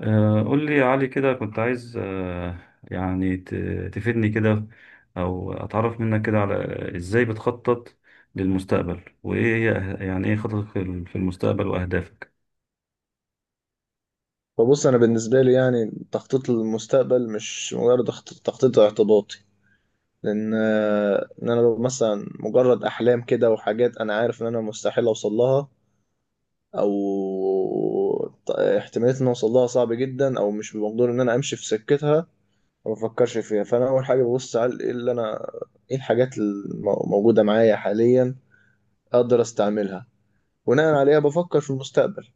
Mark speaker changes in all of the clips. Speaker 1: قول لي يا علي كده كنت عايز يعني ت- تفيدني كده، او اتعرف منك كده على ازاي بتخطط للمستقبل، وايه هي يعني ايه خططك في المستقبل واهدافك.
Speaker 2: فبص انا بالنسبه لي، يعني تخطيط المستقبل مش مجرد تخطيط اعتباطي. لان ان انا لو مثلا مجرد احلام كده وحاجات، انا عارف ان انا مستحيل اوصل لها، او احتماليه ان أنا اوصل لها صعب جدا او مش بمقدور ان انا امشي في سكتها، ما بفكرش فيها. فانا اول حاجه ببص على ايه اللي انا، ايه الحاجات الموجوده معايا حاليا اقدر استعملها، بناء عليها بفكر في المستقبل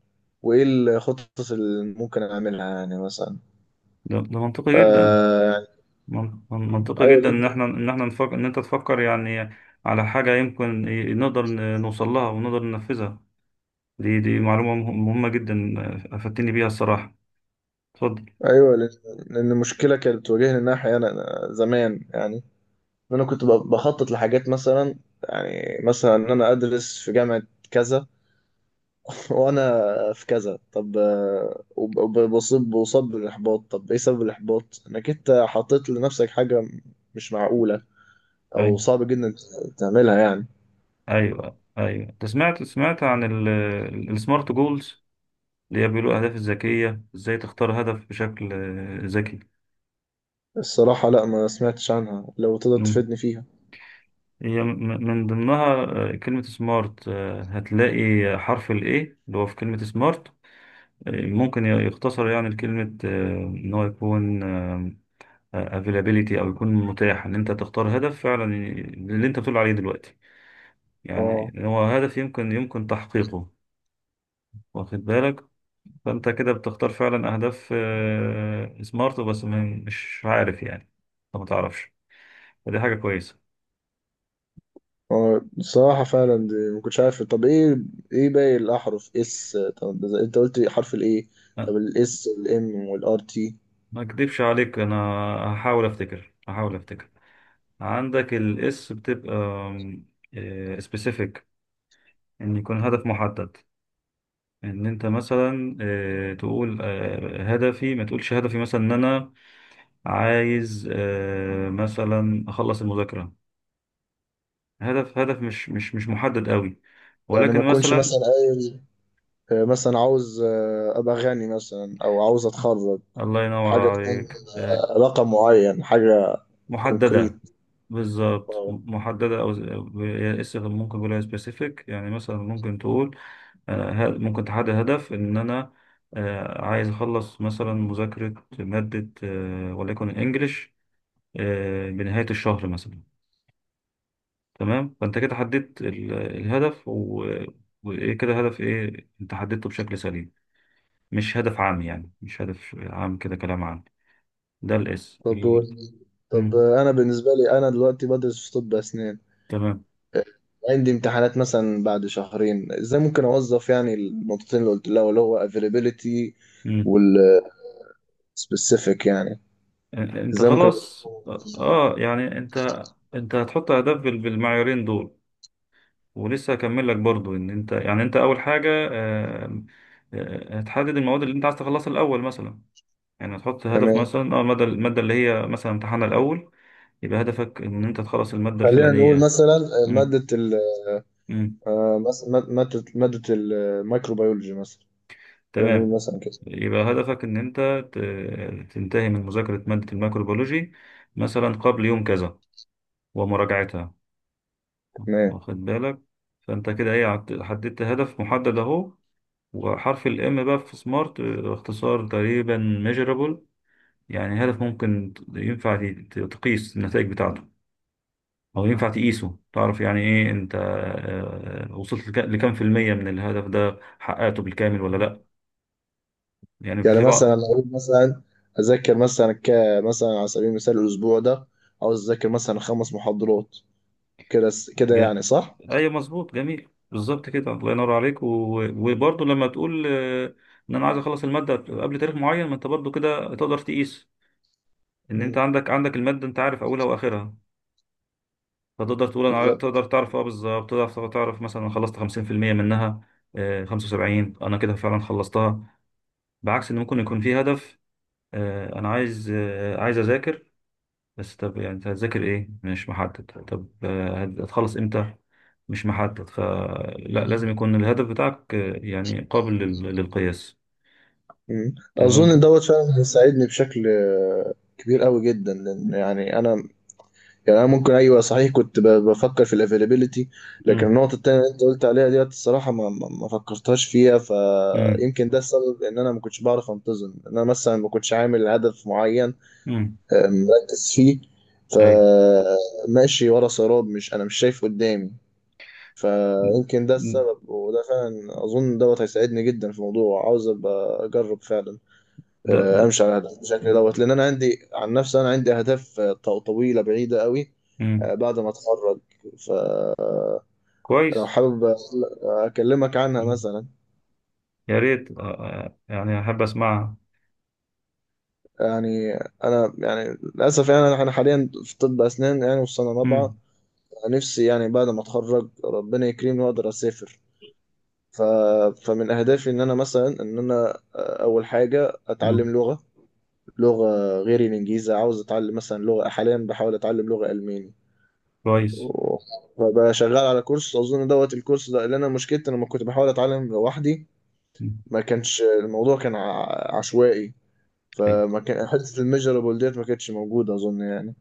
Speaker 2: وايه الخطط اللي ممكن اعملها يعني مثلا.
Speaker 1: ده منطقي جدا،
Speaker 2: آه،
Speaker 1: منطقي
Speaker 2: ايوه
Speaker 1: جدا ان
Speaker 2: جدا.
Speaker 1: احنا نفكر ان انت تفكر يعني على حاجة يمكن نقدر نوصل لها ونقدر ننفذها. دي معلومة مهمة جدا. افدتني بيها الصراحة. اتفضل.
Speaker 2: ايوه، لأن المشكله كانت بتواجهني ان انا احيانا زمان يعني، ان انا كنت بخطط لحاجات مثلا. يعني مثلا ان انا ادرس في جامعه كذا، وانا في كذا. طب بصب بالاحباط. طب ايه سبب الاحباط؟ انك انت حطيت لنفسك حاجه مش معقوله او
Speaker 1: ايوه
Speaker 2: صعب جدا تعملها يعني.
Speaker 1: ايوه ايوه، انت سمعت عن السمارت جولز اللي هي بيقولوا الأهداف الذكية؟ إزاي تختار هدف بشكل ذكي.
Speaker 2: الصراحه لا، ما سمعتش عنها، لو تقدر
Speaker 1: مم.
Speaker 2: تفيدني فيها.
Speaker 1: هي من ضمنها كلمة سمارت. هتلاقي حرف ال A اللي هو في كلمة سمارت ممكن يختصر يعني لكلمة إن هو يكون availability، أو يكون متاح، إن أنت تختار هدف فعلا اللي أنت بتقول عليه دلوقتي، يعني
Speaker 2: اه.
Speaker 1: إن هو هدف يمكن تحقيقه. واخد بالك؟ فأنت كده بتختار فعلا أهداف سمارت بس مش عارف يعني، أنت ما تعرفش. فدي حاجة كويسة.
Speaker 2: هو الصراحة فعلا دي ما كنتش عارف. طب ايه، باقي الأحرف، اس؟ طب ده انت قلت حرف الايه.
Speaker 1: أه،
Speaker 2: طب الاس والام والار تي؟
Speaker 1: ما اكدبش عليك انا، هحاول افتكر هحاول افتكر. عندك الاس بتبقى سبيسيفيك، ان يكون هدف محدد، ان انت مثلا تقول هدفي، ما تقولش هدفي مثلا ان انا عايز مثلا اخلص المذاكرة. هدف مش محدد قوي،
Speaker 2: يعني
Speaker 1: ولكن
Speaker 2: ما اكونش
Speaker 1: مثلا
Speaker 2: مثلا قايل مثلا عاوز ابقى غني مثلا او عاوز اتخرج.
Speaker 1: الله ينور
Speaker 2: حاجة تكون
Speaker 1: عليك
Speaker 2: رقم معين، حاجة
Speaker 1: محددة.
Speaker 2: كونكريت.
Speaker 1: بالظبط،
Speaker 2: اه.
Speaker 1: محددة أو هي اس ممكن يقولها سبيسيفيك، يعني مثلا ممكن تقول أنا ممكن تحدد هدف إن أنا عايز أخلص مثلا مذاكرة مادة وليكن الإنجليش بنهاية الشهر مثلا. تمام، فأنت كده حددت الهدف وإيه، كده هدف، إيه أنت حددته بشكل سليم، مش هدف عام، يعني مش هدف عام كده كلام عام. ده الإس.
Speaker 2: طب طب انا بالنسبة لي انا دلوقتي بدرس في طب اسنان.
Speaker 1: تمام.
Speaker 2: عندي امتحانات مثلا بعد شهرين، ازاي ممكن اوظف يعني النقطتين اللي قلت لها، اللي هو availability،
Speaker 1: مم.
Speaker 2: سبيسيفيك يعني.
Speaker 1: انت
Speaker 2: ازاي ممكن
Speaker 1: خلاص.
Speaker 2: أوصفه؟
Speaker 1: اه، يعني انت، انت هتحط اهداف بالمعيارين دول. ولسه هكمل لك برضو ان انت، يعني انت اول حاجه هتحدد المواد اللي انت عايز تخلصها الاول مثلا. يعني هتحط هدف
Speaker 2: تمام.
Speaker 1: مثلا اه الماده اللي هي مثلا امتحانها الاول، يبقى هدفك ان انت تخلص الماده
Speaker 2: خلينا نقول
Speaker 1: الفلانيه.
Speaker 2: مثلا
Speaker 1: مم.
Speaker 2: مادة ال-
Speaker 1: مم.
Speaker 2: مادة الميكروبيولوجي مثلا. خلينا نقول
Speaker 1: تمام.
Speaker 2: مثلا كده.
Speaker 1: يبقى هدفك ان انت تنتهي من مذاكره ماده الميكروبيولوجي مثلا قبل يوم كذا ومراجعتها.
Speaker 2: تمام.
Speaker 1: واخد بالك؟ فانت كده ايه، حددت هدف محدد اهو. وحرف الام بقى في سمارت اختصار تقريبا ميجرابل، يعني هدف ممكن ينفع تقيس النتائج بتاعته، او ينفع تقيسه، تعرف يعني ايه انت وصلت لكام في المية من الهدف ده، حققته بالكامل ولا لا. يعني
Speaker 2: يعني
Speaker 1: في
Speaker 2: مثلا لو
Speaker 1: بعض
Speaker 2: أقول مثلا أذاكر مثلا مثلا، على سبيل المثال، الأسبوع ده عاوز أذاكر مثلا 5 محاضرات كده. كده
Speaker 1: ج...
Speaker 2: يعني، صح؟
Speaker 1: ايوه مظبوط جميل بالظبط كده، الله ينور عليك. وبرضه لما تقول ان انا عايز اخلص المادة قبل تاريخ معين، ما انت برضه كده تقدر تقيس ان انت
Speaker 2: مم.
Speaker 1: عندك الماده، انت عارف اولها واخرها، فتقدر تقول انا
Speaker 2: بالظبط.
Speaker 1: تقدر تعرف اه، بالظبط تقدر تعرف مثلا أنا خلصت 50% منها. 75 انا كده فعلا خلصتها، بعكس ان ممكن يكون في هدف انا عايز عايز اذاكر. بس طب يعني انت هتذاكر ايه؟ مش محدد. طب هتخلص امتى؟ مش محدد. فلا لازم يكون الهدف بتاعك يعني قابل للقياس.
Speaker 2: مم.
Speaker 1: تمام
Speaker 2: أظن
Speaker 1: كده.
Speaker 2: دوت فعلا هيساعدني بشكل كبير قوي جدا، لأن يعني أنا، يعني انا ممكن، ايوه صحيح، كنت بفكر في الافيلابيلتي. لكن
Speaker 1: امم.
Speaker 2: النقطه التانيه اللي انت قلت عليها ديت، الصراحه ما فكرتهاش فيها.
Speaker 1: امم.
Speaker 2: فيمكن ده السبب ان انا ما كنتش بعرف انتظم، ان انا مثلا ما كنتش عامل هدف معين
Speaker 1: امم.
Speaker 2: مركز فيه،
Speaker 1: اي.
Speaker 2: فماشي ورا سراب، مش انا مش شايف قدامي. فيمكن ده السبب، وده فعلا اظن دوت هيساعدني جدا في الموضوع، عاوز ابقى اجرب فعلا
Speaker 1: ده ده
Speaker 2: امشي على هدف بشكل دوت، لان انا عندي، عن نفسي، انا عندي اهداف طويله بعيده قوي
Speaker 1: امم.
Speaker 2: بعد ما اتخرج. فلو
Speaker 1: كويس.
Speaker 2: حابب اكلمك عنها مثلا.
Speaker 1: يا ريت يعني أحب أسمعها.
Speaker 2: يعني انا، يعني للاسف، يعني انا حاليا في طب اسنان يعني في سنه رابعه.
Speaker 1: مم.
Speaker 2: نفسي يعني بعد ما اتخرج ربنا يكرمني واقدر اسافر. ف... فمن اهدافي ان انا مثلا، ان انا آه، اول حاجه
Speaker 1: مم.
Speaker 2: اتعلم لغه، لغه غير الانجليزي. عاوز اتعلم مثلا لغه، حاليا بحاول اتعلم لغه الماني.
Speaker 1: كويس.
Speaker 2: بقى شغال على كورس اظن دوت. الكورس ده اللي انا مشكلتي انا لما كنت بحاول اتعلم لوحدي،
Speaker 1: مم.
Speaker 2: ما كانش الموضوع، كان عشوائي.
Speaker 1: أيوة.
Speaker 2: فما كان حته الميجرابل ديت ما كانتش موجوده اظن يعني.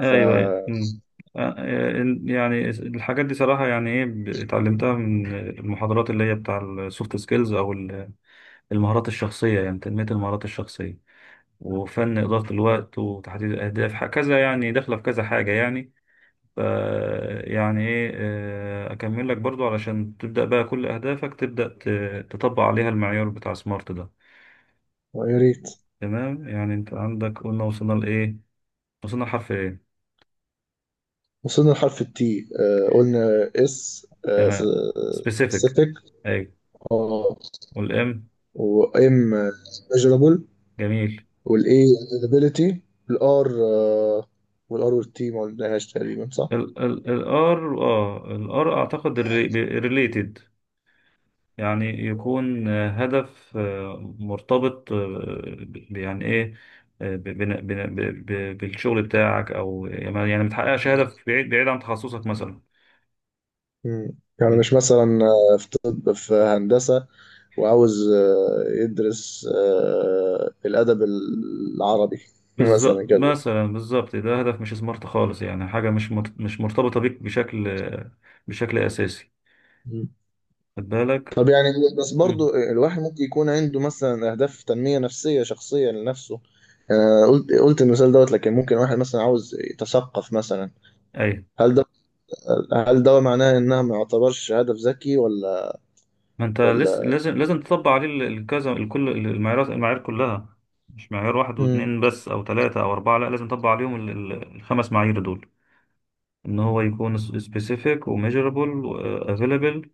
Speaker 2: ف
Speaker 1: أيوه أيوة. مم. يعني الحاجات دي صراحة يعني إيه اتعلمتها من المحاضرات اللي هي بتاع السوفت سكيلز أو المهارات الشخصية، يعني تنمية المهارات الشخصية وفن إدارة الوقت وتحديد الأهداف، كذا، يعني داخلة في كذا حاجة يعني. ف يعني إيه أكمل لك برضو علشان تبدأ بقى كل أهدافك تبدأ تطبق عليها المعيار بتاع سمارت ده.
Speaker 2: يا ريت.
Speaker 1: تمام، يعني انت عندك، قلنا وصلنا لايه، وصلنا لحرف ايه.
Speaker 2: وصلنا لحرف التي. قلنا اس،
Speaker 1: تمام. specific.
Speaker 2: سبيسيفيك.
Speaker 1: ايوه.
Speaker 2: اه.
Speaker 1: والام.
Speaker 2: وام، ميجرابل.
Speaker 1: جميل.
Speaker 2: والاي، ability. الار. والتي ما قلناهاش تقريبا، صح؟
Speaker 1: ال الار الار اعتقد ريليتد، يعني يكون هدف مرتبط يعني ايه، بالشغل بتاعك، او يعني ما، يعني ما تحققش هدف بعيد، بعيد عن تخصصك مثلا.
Speaker 2: مم. يعني مش مثلا في طب، في هندسة وعاوز يدرس الأدب العربي.
Speaker 1: بالظبط
Speaker 2: مثلا كده.
Speaker 1: مثلا، بالظبط. ده هدف مش سمارت خالص، يعني حاجة مش مش مرتبطة بيك بشكل، بشكل أساسي.
Speaker 2: مم.
Speaker 1: خد بالك.
Speaker 2: طب يعني، بس
Speaker 1: مم.
Speaker 2: برضو الواحد ممكن يكون عنده مثلا أهداف تنمية نفسية شخصية لنفسه. قلت المثال دوت، لكن ممكن واحد مثلا عاوز يتثقف مثلا.
Speaker 1: أيوة.
Speaker 2: هل ده هل ده معناه إنها ما يعتبرش هدف ذكي، ولا؟
Speaker 1: ما أنت لسه
Speaker 2: ولا؟
Speaker 1: لازم، لازم تطبق عليه الكذا، الكل المعايير كلها. مش معيار واحد
Speaker 2: مم.
Speaker 1: واتنين بس أو تلاتة أو أربعة، لا لازم تطبق عليهم الخمس معايير دول. إن هو يكون specific و measurable و available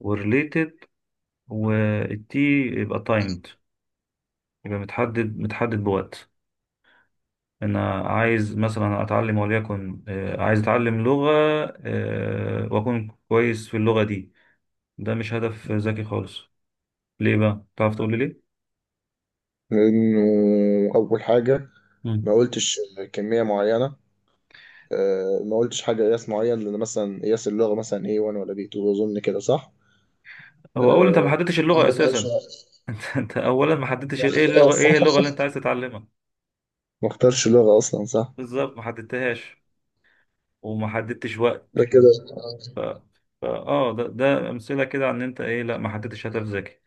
Speaker 1: و related، والتي يبقى timed، يبقى متحدد بوقت. انا عايز مثلا اتعلم، وليكن عايز اتعلم لغة، واكون كويس في اللغة دي. ده مش هدف ذكي خالص. ليه بقى؟ تعرف تقول لي ليه؟
Speaker 2: لأنه أول حاجة
Speaker 1: مم.
Speaker 2: ما قلتش كمية معينة. ما قلتش حاجة قياس معين، لأن مثلا قياس اللغة مثلا A1 ولا B2، أظن كده، صح؟
Speaker 1: هو اولا انت ما
Speaker 2: آه،
Speaker 1: حددتش
Speaker 2: أنا
Speaker 1: اللغة
Speaker 2: ما
Speaker 1: اساسا.
Speaker 2: قلتش-
Speaker 1: انت، انت اولا ما حددتش
Speaker 2: ما
Speaker 1: ايه
Speaker 2: اخت- آه،
Speaker 1: اللغة، ايه اللغة اللي انت
Speaker 2: صح.
Speaker 1: عايز تتعلمها.
Speaker 2: ما اختارش لغة أصلا، صح؟
Speaker 1: بالظبط، ما حددتهاش وما حددتش وقت.
Speaker 2: ده كده
Speaker 1: ف... اه، ده امثلة كده عن ان انت ايه، لا ما حددتش هدف ذكي.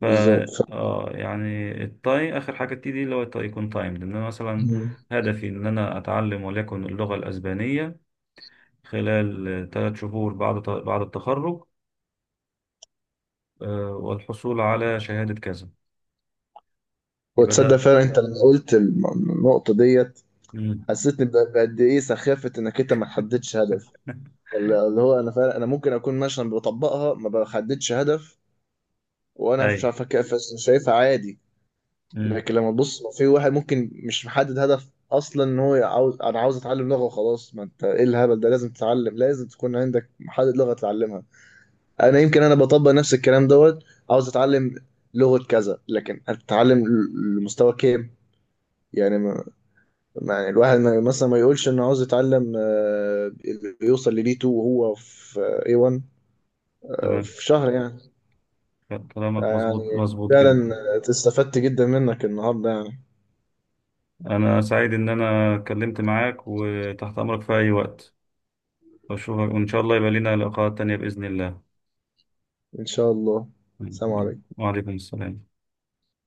Speaker 1: ف
Speaker 2: بالظبط.
Speaker 1: اه يعني التاي اخر حاجه تيجي، اللي هو التاي يكون تايم، لان انا مثلا
Speaker 2: مم.
Speaker 1: هدفي ان انا اتعلم وليكن اللغه الاسبانيه خلال 3 شهور بعد التخرج، والحصول على شهاده كذا. يبقى
Speaker 2: وتصدق
Speaker 1: ده.
Speaker 2: فعلا أنت لما قلت النقطة ديت
Speaker 1: مم.
Speaker 2: حسيتني بقد إيه سخافة إنك أنت ما تحددش هدف. اللي هو أنا فعلا، أنا ممكن أكون مثلا بطبقها، ما بحددش هدف وأنا
Speaker 1: اي.
Speaker 2: شايفها، شايفها عادي.
Speaker 1: امم.
Speaker 2: لكن لما تبص لو في واحد ممكن مش محدد هدف اصلا، ان هو عاوز، انا عاوز اتعلم لغه وخلاص، ما انت ايه الهبل ده؟ لازم تتعلم، لازم تكون عندك محدد لغه تتعلمها. انا يمكن، انا بطبق نفس الكلام دوت. عاوز اتعلم لغه كذا، لكن اتعلم لمستوى كام يعني. ما يعني الواحد، ما مثلا ما يقولش انه عاوز يتعلم يوصل للي 2 وهو في اي 1
Speaker 1: تمام،
Speaker 2: في شهر يعني.
Speaker 1: كلامك
Speaker 2: يعني
Speaker 1: مظبوط
Speaker 2: فعلا
Speaker 1: جدا.
Speaker 2: استفدت جدا منك النهارده يعني.
Speaker 1: انا سعيد ان انا اتكلمت معاك، وتحت امرك في اي وقت، اشوفك وان شاء الله يبقى لنا لقاءات تانية باذن الله.
Speaker 2: ان شاء الله. سلام
Speaker 1: مم.
Speaker 2: عليكم.
Speaker 1: وعليكم السلام.